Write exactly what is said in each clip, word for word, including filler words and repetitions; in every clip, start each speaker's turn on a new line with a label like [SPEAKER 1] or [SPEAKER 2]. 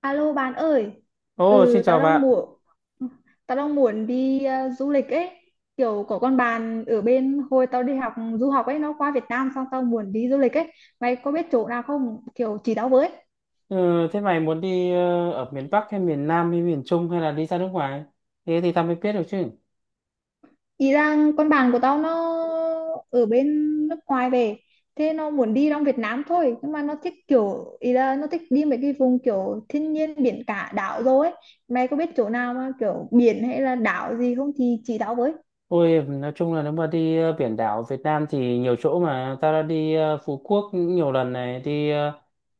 [SPEAKER 1] Alo bạn ơi,
[SPEAKER 2] Ồ, xin
[SPEAKER 1] ừ tao
[SPEAKER 2] chào
[SPEAKER 1] đang
[SPEAKER 2] bạn.
[SPEAKER 1] muốn tao đang muốn đi ờ, du lịch ấy, kiểu có con bạn ở bên hồi tao đi học du học ấy, nó qua Việt Nam xong tao muốn đi du lịch ấy, mày có biết chỗ nào không? Kiểu chỉ tao với.
[SPEAKER 2] Ừ, thế mày muốn đi ờ, ở miền Bắc hay miền Nam hay miền Trung hay là đi ra nước ngoài? Thế thì tao mới biết được chứ.
[SPEAKER 1] Ý rằng con bạn của tao nó ở bên nước ngoài về, thế nó muốn đi trong Việt Nam thôi, nhưng mà nó thích kiểu ý là nó thích đi mấy cái vùng kiểu thiên nhiên biển cả đảo rồi ấy. Mày có biết chỗ nào mà kiểu biển hay là đảo gì không thì chỉ tao với.
[SPEAKER 2] Ôi, nói chung là nếu mà đi ờ, biển đảo Việt Nam thì nhiều chỗ mà. Tao đã đi ờ, Phú Quốc nhiều lần này, đi ờ,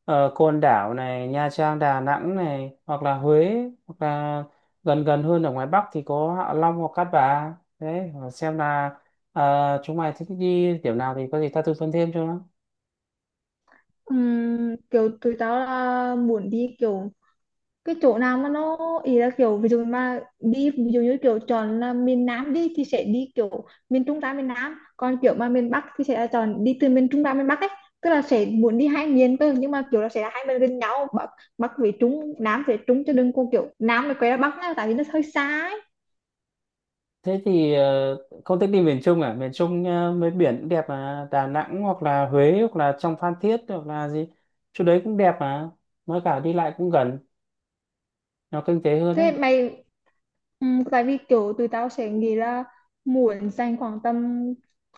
[SPEAKER 2] ờ, Côn Đảo này, Nha Trang, Đà Nẵng này, hoặc là Huế, hoặc là gần gần hơn ở ngoài Bắc thì có Hạ Long hoặc Cát Bà. Đấy, xem là ờ, chúng mày thích đi điểm nào thì có gì tao tư vấn thêm cho nó.
[SPEAKER 1] Ừm, kiểu tụi tao là muốn đi kiểu cái chỗ nào mà nó ý là kiểu ví dụ mà đi ví dụ như kiểu chọn là miền Nam đi thì sẽ đi kiểu miền Trung ra miền Nam, còn kiểu mà miền Bắc thì sẽ là chọn đi từ miền Trung ra miền Bắc ấy, tức là sẽ muốn đi hai miền cơ, nhưng mà kiểu là sẽ là hai miền gần nhau, Bắc Bắc về Trung, Nam về Trung, chứ đừng có kiểu Nam này quay ra Bắc nha, tại vì nó hơi xa ấy.
[SPEAKER 2] Thế thì ờ, không thích đi miền Trung à? Miền Trung ờ, mấy biển cũng đẹp mà. Đà Nẵng hoặc là Huế hoặc là trong Phan Thiết hoặc là gì. Chỗ đấy cũng đẹp mà. Mới cả đi lại cũng gần. Nó kinh tế hơn
[SPEAKER 1] Thế
[SPEAKER 2] đấy.
[SPEAKER 1] mày, ừ, tại vì kiểu tụi tao sẽ nghĩ là muốn dành khoảng tầm,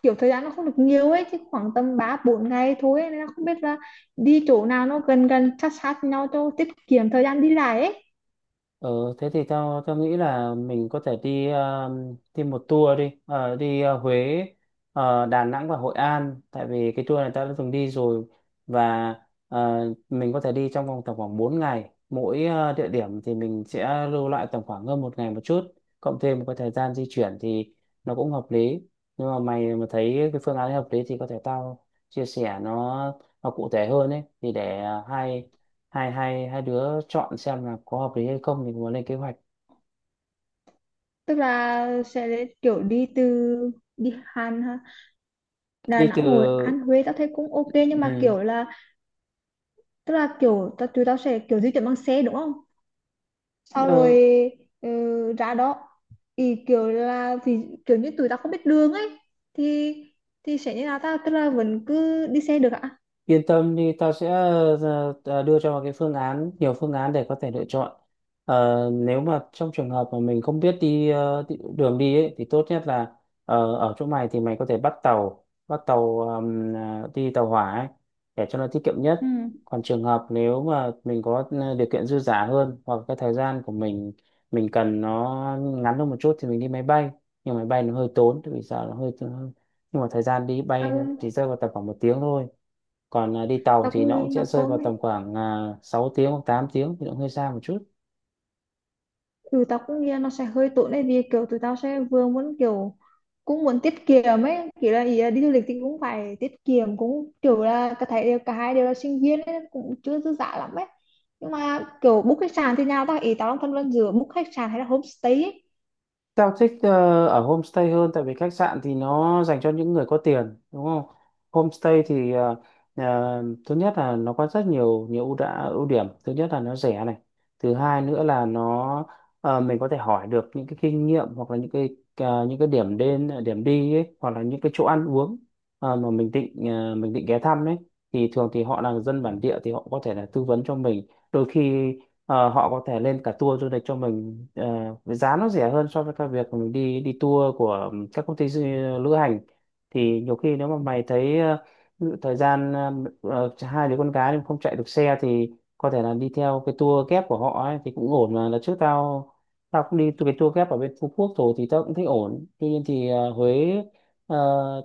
[SPEAKER 1] kiểu thời gian nó không được nhiều ấy, chứ khoảng tầm ba bốn ngày thôi ấy. Nên là không biết là đi chỗ nào nó gần gần sát sát nhau cho tiết kiệm thời gian đi lại ấy,
[SPEAKER 2] Ừ, thế thì tao tao nghĩ là mình có thể đi ờ, đi một tour đi Ờ, đi ờ, Huế, ờ, Đà Nẵng và Hội An, tại vì cái tour này tao đã từng đi rồi. Và ờ, mình có thể đi trong vòng tầm khoảng bốn ngày, mỗi ờ, địa điểm thì mình sẽ lưu lại tầm khoảng hơn một ngày một chút, cộng thêm một cái thời gian di chuyển thì nó cũng hợp lý. Nhưng mà mày mà thấy cái phương án hợp lý thì có thể tao chia sẻ nó nó cụ thể hơn ấy, thì để ờ, hai hai hai hai đứa chọn xem là có hợp lý hay không thì muốn lên kế hoạch
[SPEAKER 1] tức là sẽ để kiểu đi từ đi Hàn ha, Đà
[SPEAKER 2] đi từ.
[SPEAKER 1] Nẵng Hồi An Huế tao thấy cũng ok, nhưng mà
[SPEAKER 2] Ừ.
[SPEAKER 1] kiểu là tức là kiểu tao- tụi tao sẽ kiểu di chuyển bằng xe đúng không, sau rồi
[SPEAKER 2] ờ,
[SPEAKER 1] ừ, ra đó thì kiểu là thì kiểu như tụi tao không biết đường ấy, thì thì sẽ như là ta, tức là vẫn cứ đi xe được ạ.
[SPEAKER 2] Yên tâm đi, tao sẽ ờ, ờ, đưa cho mày cái phương án, nhiều phương án để có thể lựa chọn. Ờ, nếu mà trong trường hợp mà mình không biết đi ờ, đi- đường đi ấy, thì tốt nhất là, ờ, ở chỗ mày thì mày có thể bắt tàu bắt tàu ờm, ờ, đi tàu hỏa ấy, để cho nó tiết kiệm
[SPEAKER 1] Ừ.
[SPEAKER 2] nhất. Còn trường hợp nếu mà mình có ờ, điều kiện dư dả hơn, hoặc cái thời gian của mình mình cần nó ngắn hơn một chút thì mình đi máy bay. Nhưng máy bay nó hơi tốn, tại vì sao nó hơi, nhưng mà thời gian đi
[SPEAKER 1] tao
[SPEAKER 2] bay
[SPEAKER 1] cũng
[SPEAKER 2] thì rơi vào tầm khoảng một tiếng thôi. Còn à, đi tàu
[SPEAKER 1] tao
[SPEAKER 2] thì
[SPEAKER 1] cũng
[SPEAKER 2] nó
[SPEAKER 1] nghĩ
[SPEAKER 2] cũng sẽ
[SPEAKER 1] nó
[SPEAKER 2] rơi
[SPEAKER 1] tốt
[SPEAKER 2] vào
[SPEAKER 1] đấy.
[SPEAKER 2] tầm khoảng à, sáu tiếng hoặc tám tiếng thì nó hơi xa một chút.
[SPEAKER 1] Ừ, tao cũng nghĩ là nó sẽ hơi tốn đấy, vì kiểu tụi tao sẽ vừa muốn kiểu cũng muốn tiết kiệm ấy, kiểu là ý là đi du lịch thì cũng phải tiết kiệm, cũng kiểu là cả thấy cả hai đều là sinh viên ấy, cũng chưa dư dả lắm ấy, nhưng mà kiểu book khách sạn thì nào ta, ý tao đang phân vân giữa book khách sạn hay là homestay ấy.
[SPEAKER 2] Tao thích ờ, ở homestay hơn, tại vì khách sạn thì nó dành cho những người có tiền, đúng không? Homestay thì, ờ, ờ, thứ nhất là nó có rất nhiều nhiều ưu đã ưu điểm. Thứ nhất là nó rẻ này. Thứ hai nữa là nó, ờ, mình có thể hỏi được những cái kinh nghiệm, hoặc là những cái ờ, những cái điểm đến điểm đi ấy, hoặc là những cái chỗ ăn uống ờ, mà mình định ờ, mình định ghé thăm ấy, thì thường thì họ là dân bản địa thì họ có thể là tư vấn cho mình. Đôi khi Ờ, họ có thể lên cả tour du lịch cho mình ờ, với giá nó rẻ hơn so với cái việc mình đi đi tour của các công ty du, lữ hành. Thì nhiều khi nếu mà mày thấy ờ, ví dụ thời gian, ờ, ờ, hai đứa con gái nhưng không chạy được xe thì có thể là đi theo cái tour kép của họ ấy, thì cũng ổn mà. Là trước tao tao cũng đi cái tour kép ở bên Phú Quốc rồi thì tao cũng thấy ổn. Tuy nhiên thì ờ, Huế, ờ,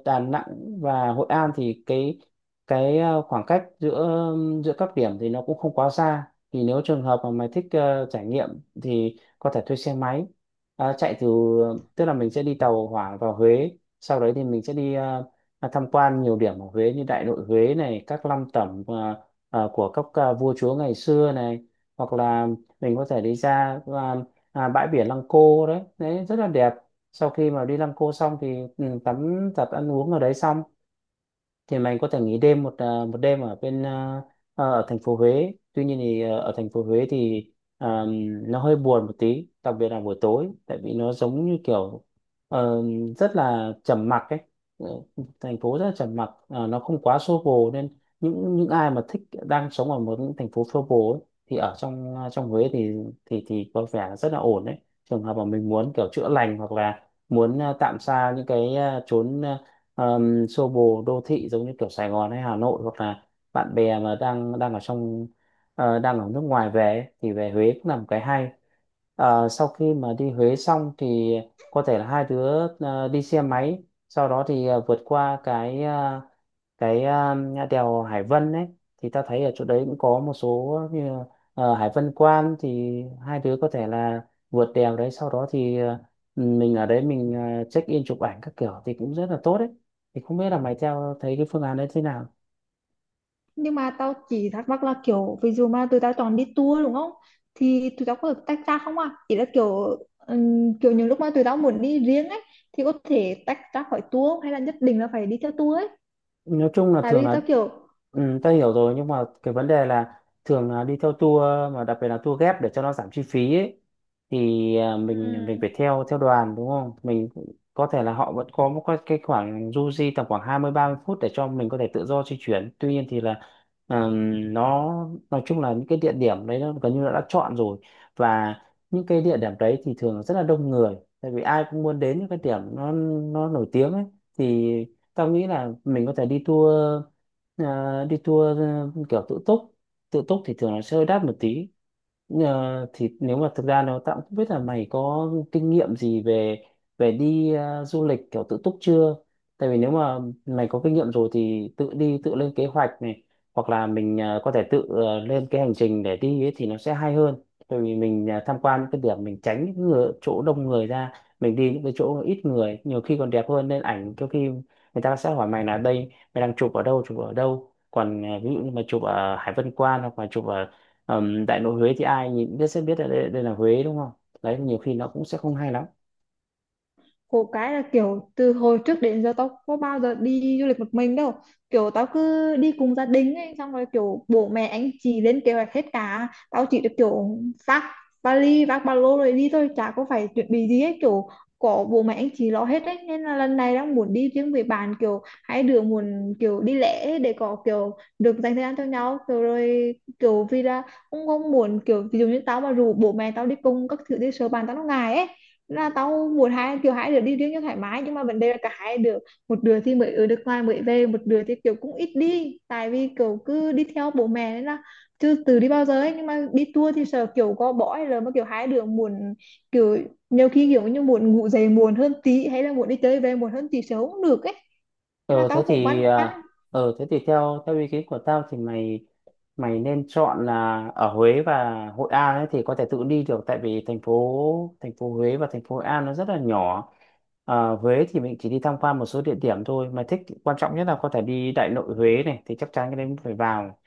[SPEAKER 2] Đà Nẵng và Hội An thì cái cái ờ, khoảng cách giữa giữa các điểm thì nó cũng không quá xa. Thì nếu trường hợp mà mày thích ờ, trải nghiệm thì có thể thuê xe máy, ờ, chạy từ. Tức là mình sẽ đi tàu hỏa vào Huế, sau đấy thì mình sẽ đi ờ, à, tham quan nhiều điểm ở Huế như Đại Nội Huế này, các lăng tẩm ờ, ờ, của các ờ, vua chúa ngày xưa này, hoặc là mình có thể đi ra ờ, à, bãi biển Lăng Cô, đấy đấy rất là đẹp. Sau khi mà đi Lăng Cô xong thì, ừ, tắm giặt ăn uống ở đấy xong thì mình có thể nghỉ đêm một à, một đêm ở bên à, à, ở thành phố Huế. Tuy nhiên thì à, ở thành phố Huế thì à, nó hơi buồn một tí, đặc biệt là buổi tối, tại vì nó giống như kiểu ờ, rất là trầm mặc ấy. Ờ, thành phố rất là trầm mặc, à, nó không quá xô bồ, nên những những ai mà thích đang sống ở một những thành phố xô bồ ấy, thì ở trong à, trong Huế thì thì thì có vẻ rất là ổn đấy. Trường hợp mà mình muốn kiểu chữa lành, hoặc là muốn à, tạm xa những cái à, chốn à, um, xô bồ đô thị, giống như kiểu Sài Gòn hay Hà Nội, hoặc là bạn bè mà đang đang ở trong ờ, đang ở nước ngoài về ấy, thì về Huế cũng là một cái hay. Ờ, sau khi mà đi Huế xong thì có thể là hai đứa ờ, đi xe máy, sau đó thì ờ, vượt qua cái ờ, cái ờ, đèo Hải Vân ấy, thì ta thấy ở chỗ đấy cũng có một số như ờ, Hải Vân Quan, thì hai đứa có thể là vượt đèo đấy, sau đó thì ờ, mình ở đấy mình ờ, check in chụp ảnh các kiểu thì cũng rất là tốt đấy. Thì không biết là mày theo thấy cái phương án đấy thế nào.
[SPEAKER 1] Nhưng mà tao chỉ thắc mắc là kiểu ví dụ mà tụi tao chọn đi tour đúng không, thì tụi tao có được tách ra không, à chỉ là kiểu ừm, kiểu những lúc mà tụi tao muốn đi riêng ấy thì có thể tách ra khỏi tour không? Hay là nhất định là phải đi theo tour ấy?
[SPEAKER 2] Nói chung là
[SPEAKER 1] Tại
[SPEAKER 2] thường
[SPEAKER 1] vì
[SPEAKER 2] là,
[SPEAKER 1] tao kiểu,
[SPEAKER 2] ừ, ta hiểu rồi, nhưng mà cái vấn đề là thường là đi theo tour, mà đặc biệt là tour ghép để cho nó giảm chi phí ấy, thì à,
[SPEAKER 1] ừ.
[SPEAKER 2] mình mình phải theo theo đoàn, đúng không? Mình có thể là họ vẫn có một cái cái khoảng du di tầm khoảng hai mươi ba mươi phút để cho mình có thể tự do di chuyển. Tuy nhiên thì là, ừm, nó nói chung là những cái địa điểm đấy nó gần như là đã chọn rồi, và những cái địa điểm đấy thì thường là rất là đông người, tại vì ai cũng muốn đến những cái điểm nó nó nổi tiếng ấy. Thì tao nghĩ là mình có thể đi tour, ờ, đi tour ờ, kiểu tự túc. Tự túc thì thường là sẽ hơi đắt một tí. Ờ, thì nếu mà thực ra nó tao cũng không biết là mày có kinh nghiệm gì về về đi ờ, du lịch kiểu tự túc chưa. Tại vì nếu mà mày có kinh nghiệm rồi thì tự đi tự lên kế hoạch này, hoặc là mình ờ, có thể tự ờ, lên cái hành trình để đi ấy thì nó sẽ hay hơn. Tại vì mình ờ, tham quan những cái điểm, mình tránh những người, chỗ đông người ra, mình đi những cái chỗ ít người nhiều khi còn đẹp hơn, nên ảnh đôi khi người ta sẽ hỏi mày là, đây, mày đang chụp ở đâu chụp ở đâu, còn à, ví dụ như mà chụp ở Hải Vân Quan hoặc là chụp ở ừm, Đại Nội Huế thì ai nhìn biết sẽ biết là, đây, đây là Huế, đúng không? Đấy, nhiều khi nó cũng sẽ không hay lắm.
[SPEAKER 1] Khổ cái là kiểu từ hồi trước đến giờ tao có bao giờ đi du lịch một mình đâu, kiểu tao cứ đi cùng gia đình ấy, xong rồi kiểu bố mẹ anh chị lên kế hoạch hết cả, tao chỉ được kiểu vác vali vác ba lô rồi đi thôi, chả có phải chuẩn bị gì hết, kiểu có bố mẹ anh chị lo hết đấy, nên là lần này đang muốn đi riêng với bạn, kiểu hai đứa muốn kiểu đi lẻ ấy để có kiểu được dành thời gian cho nhau, kiểu rồi kiểu vì là cũng không muốn kiểu ví dụ như tao mà rủ bố mẹ tao đi cùng các thứ đi, sợ bạn tao nó ngại ấy, là tao muốn hai kiểu hai đứa đi riêng cho thoải mái, nhưng mà vấn đề là cả hai đứa, một đứa thì mới ở nước ngoài mới về, một đứa thì kiểu cũng ít đi tại vì kiểu cứ đi theo bố mẹ nên là chưa từ đi bao giờ ấy, nhưng mà đi tour thì sợ kiểu có bỏ, hay là mà kiểu hai đứa muốn kiểu nhiều khi kiểu như muốn ngủ dậy muộn hơn tí, hay là muốn đi chơi về muộn hơn tí sớm cũng được ấy, nên là
[SPEAKER 2] Ờ thế
[SPEAKER 1] tao cũng băn
[SPEAKER 2] thì
[SPEAKER 1] khoăn.
[SPEAKER 2] à, ờ thế thì theo theo ý kiến của tao thì mày mày nên chọn là ở Huế và Hội An ấy thì có thể tự đi được, tại vì thành phố thành phố Huế và thành phố Hội An nó rất là nhỏ. Ờ, Huế thì mình chỉ đi tham quan một số địa điểm thôi, mà thích quan trọng nhất là có thể đi Đại Nội Huế này, thì chắc chắn cái đấy mình phải vào.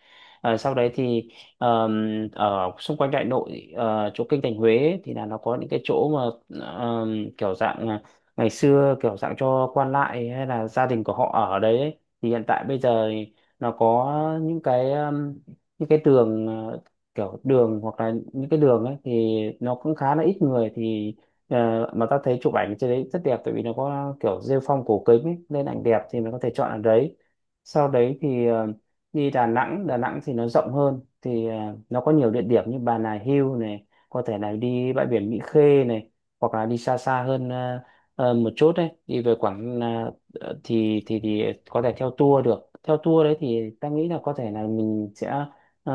[SPEAKER 2] Ờ, sau đấy thì ờm, ở xung quanh Đại Nội ờ, chỗ kinh thành Huế ấy, thì là nó có những cái chỗ mà ờm, kiểu dạng à, ngày xưa kiểu dạng cho quan lại hay là gia đình của họ ở đấy ấy, thì hiện tại bây giờ thì nó có những cái um, những cái tường ờ, kiểu đường hoặc là những cái đường ấy thì nó cũng khá là ít người thì ờ, mà ta thấy chụp ảnh trên đấy rất đẹp tại vì nó có kiểu rêu phong cổ kính ấy, nên ảnh đẹp thì mình có thể chọn ở đấy. Sau đấy thì ờ, đi Đà Nẵng Đà Nẵng thì nó rộng hơn thì ờ, nó có nhiều địa điểm như Bà Nà Hills này, có thể là đi bãi biển Mỹ Khê này, hoặc là đi xa xa hơn ờ, Ờ, một chút đấy, đi về Quảng là- ờ, thì thì thì có thể theo tour được. Theo tour đấy thì ta nghĩ là có thể là mình sẽ ờ,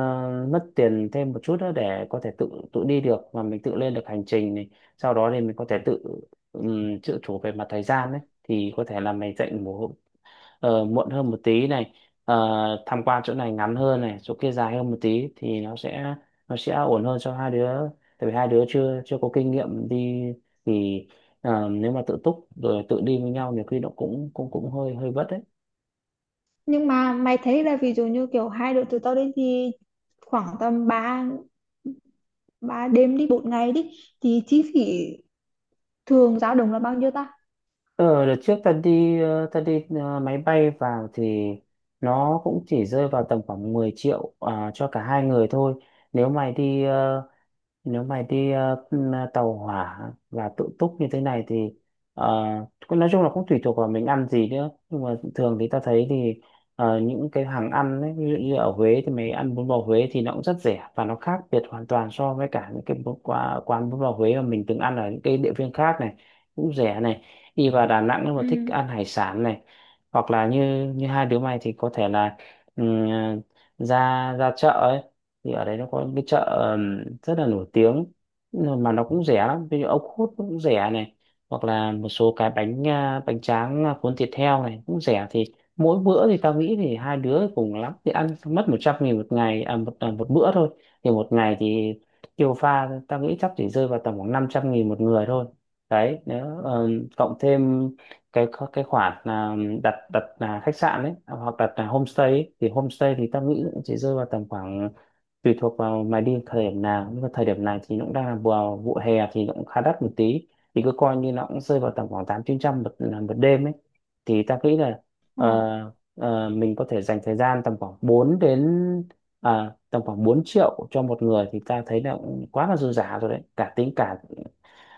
[SPEAKER 2] mất tiền thêm một chút nữa để có thể tự tự đi được và mình tự lên được hành trình này. Sau đó thì mình có thể tự um, tự chủ về mặt thời gian đấy, thì có thể là mình dành một ờ, muộn hơn một tí này, ờ, tham quan chỗ này ngắn hơn này, chỗ kia dài hơn một tí thì nó sẽ nó sẽ ổn hơn cho hai đứa. Tại vì hai đứa chưa chưa có kinh nghiệm đi thì ờ, nếu mà tự túc rồi tự đi với nhau nhiều khi nó cũng cũng cũng hơi hơi vất đấy.
[SPEAKER 1] Nhưng mà mày thấy là ví dụ như kiểu hai đứa tụi tao đi thì khoảng tầm ba ba đêm đi bốn ngày đi thì chi phí thường dao động là bao nhiêu ta?
[SPEAKER 2] Ờ, đợt trước ta đi ờ, ta đi ờ, máy bay vào thì nó cũng chỉ rơi vào tầm khoảng mười triệu à, cho cả hai người thôi. nếu mày đi ờ, Nếu mày đi ờ, tàu hỏa và tự túc như thế này thì ờ, cũng nói chung là cũng tùy thuộc vào mình ăn gì nữa, nhưng mà thường thì ta thấy thì ờ, những cái hàng ăn ấy, ví dụ như ở Huế thì mày ăn bún bò Huế thì nó cũng rất rẻ và nó khác biệt hoàn toàn so với cả những cái bún- quà- quán bún bò Huế mà mình từng ăn ở những cái địa phương khác này, cũng rẻ này. Đi vào Đà Nẵng nếu mà thích
[SPEAKER 1] Ừ.
[SPEAKER 2] ăn hải sản này, hoặc là như như hai đứa mày thì có thể là ừ, ra ra chợ ấy, thì ở đấy nó có cái chợ ừm, rất là nổi tiếng mà nó cũng rẻ lắm, ví dụ ốc hút cũng rẻ này, hoặc là một số cái bánh à, bánh tráng à, cuốn thịt heo này cũng rẻ. Thì mỗi bữa thì tao nghĩ thì hai đứa cùng lắm thì ăn mất một trăm nghìn một ngày à, một à, một bữa thôi. Thì một ngày thì tiêu pha tao nghĩ chắc chỉ rơi vào tầm khoảng năm trăm nghìn một người thôi đấy. Nếu ừm, cộng thêm cái cái khoản à, đặt đặt là khách sạn đấy, hoặc đặt là homestay ấy, thì homestay thì tao nghĩ cũng chỉ rơi vào tầm khoảng, tùy thuộc vào mày đi thời điểm nào, nhưng mà thời điểm này thì nó cũng đang là vào vụ hè thì nó cũng khá đắt một tí, thì cứ coi như nó cũng rơi vào tầm khoảng tám chín trăm một à, một đêm ấy. Thì ta nghĩ là
[SPEAKER 1] Ờ.
[SPEAKER 2] ờ, ờ, mình có thể dành thời gian tầm khoảng bốn đến à, tầm khoảng bốn triệu cho một người thì ta thấy là cũng quá là dư giả rồi đấy, cả tính cả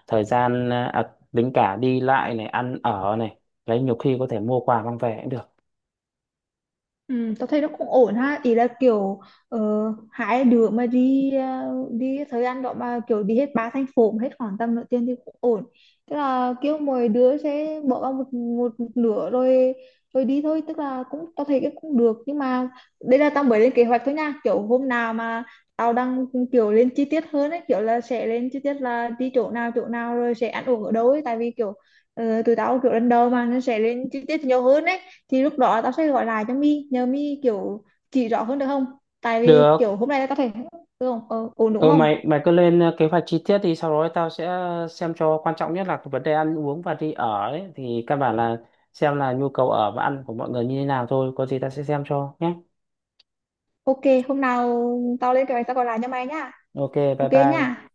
[SPEAKER 2] thời gian à, à, tính cả đi lại này, ăn ở này. Đấy, nhiều khi có thể mua quà mang về cũng được.
[SPEAKER 1] Ừ, tao thấy nó cũng ổn ha, ý là kiểu ờ, hai đứa mà đi ờ, đi thời gian đó mà kiểu đi hết ba thành phố mà hết khoảng tầm nửa tiền thì cũng ổn, tức là kiểu mỗi đứa sẽ bỏ vào một, một, nửa rồi rồi đi thôi, tức là cũng tao thấy cái cũng được, nhưng mà đây là tao mới lên kế hoạch thôi nha, kiểu hôm nào mà tao đang kiểu lên chi tiết hơn ấy, kiểu là sẽ lên chi tiết là đi chỗ nào chỗ nào rồi sẽ ăn uống ở đâu ấy, tại vì kiểu ờ, tụi tao kiểu lần đầu mà nó sẽ lên chi tiết nhiều hơn ấy, thì lúc đó tao sẽ gọi lại cho My nhờ My kiểu chỉ rõ hơn được không, tại vì
[SPEAKER 2] Được.
[SPEAKER 1] kiểu hôm nay tao thể ừ, không? Ờ, ổn đúng
[SPEAKER 2] Ừ,
[SPEAKER 1] không?
[SPEAKER 2] mày mày cứ lên ờ, kế hoạch chi tiết thì sau đó tao sẽ ờ, xem cho. Quan trọng nhất là cái vấn đề ăn uống và đi ở ấy, thì căn bản là xem là nhu cầu ở và ăn của mọi người như thế nào thôi, có gì tao sẽ xem cho nhé.
[SPEAKER 1] Ok, hôm nào tao lên kế hoạch tao gọi lại cho mày nhá.
[SPEAKER 2] OK, bye
[SPEAKER 1] Ok
[SPEAKER 2] bye.
[SPEAKER 1] nhá.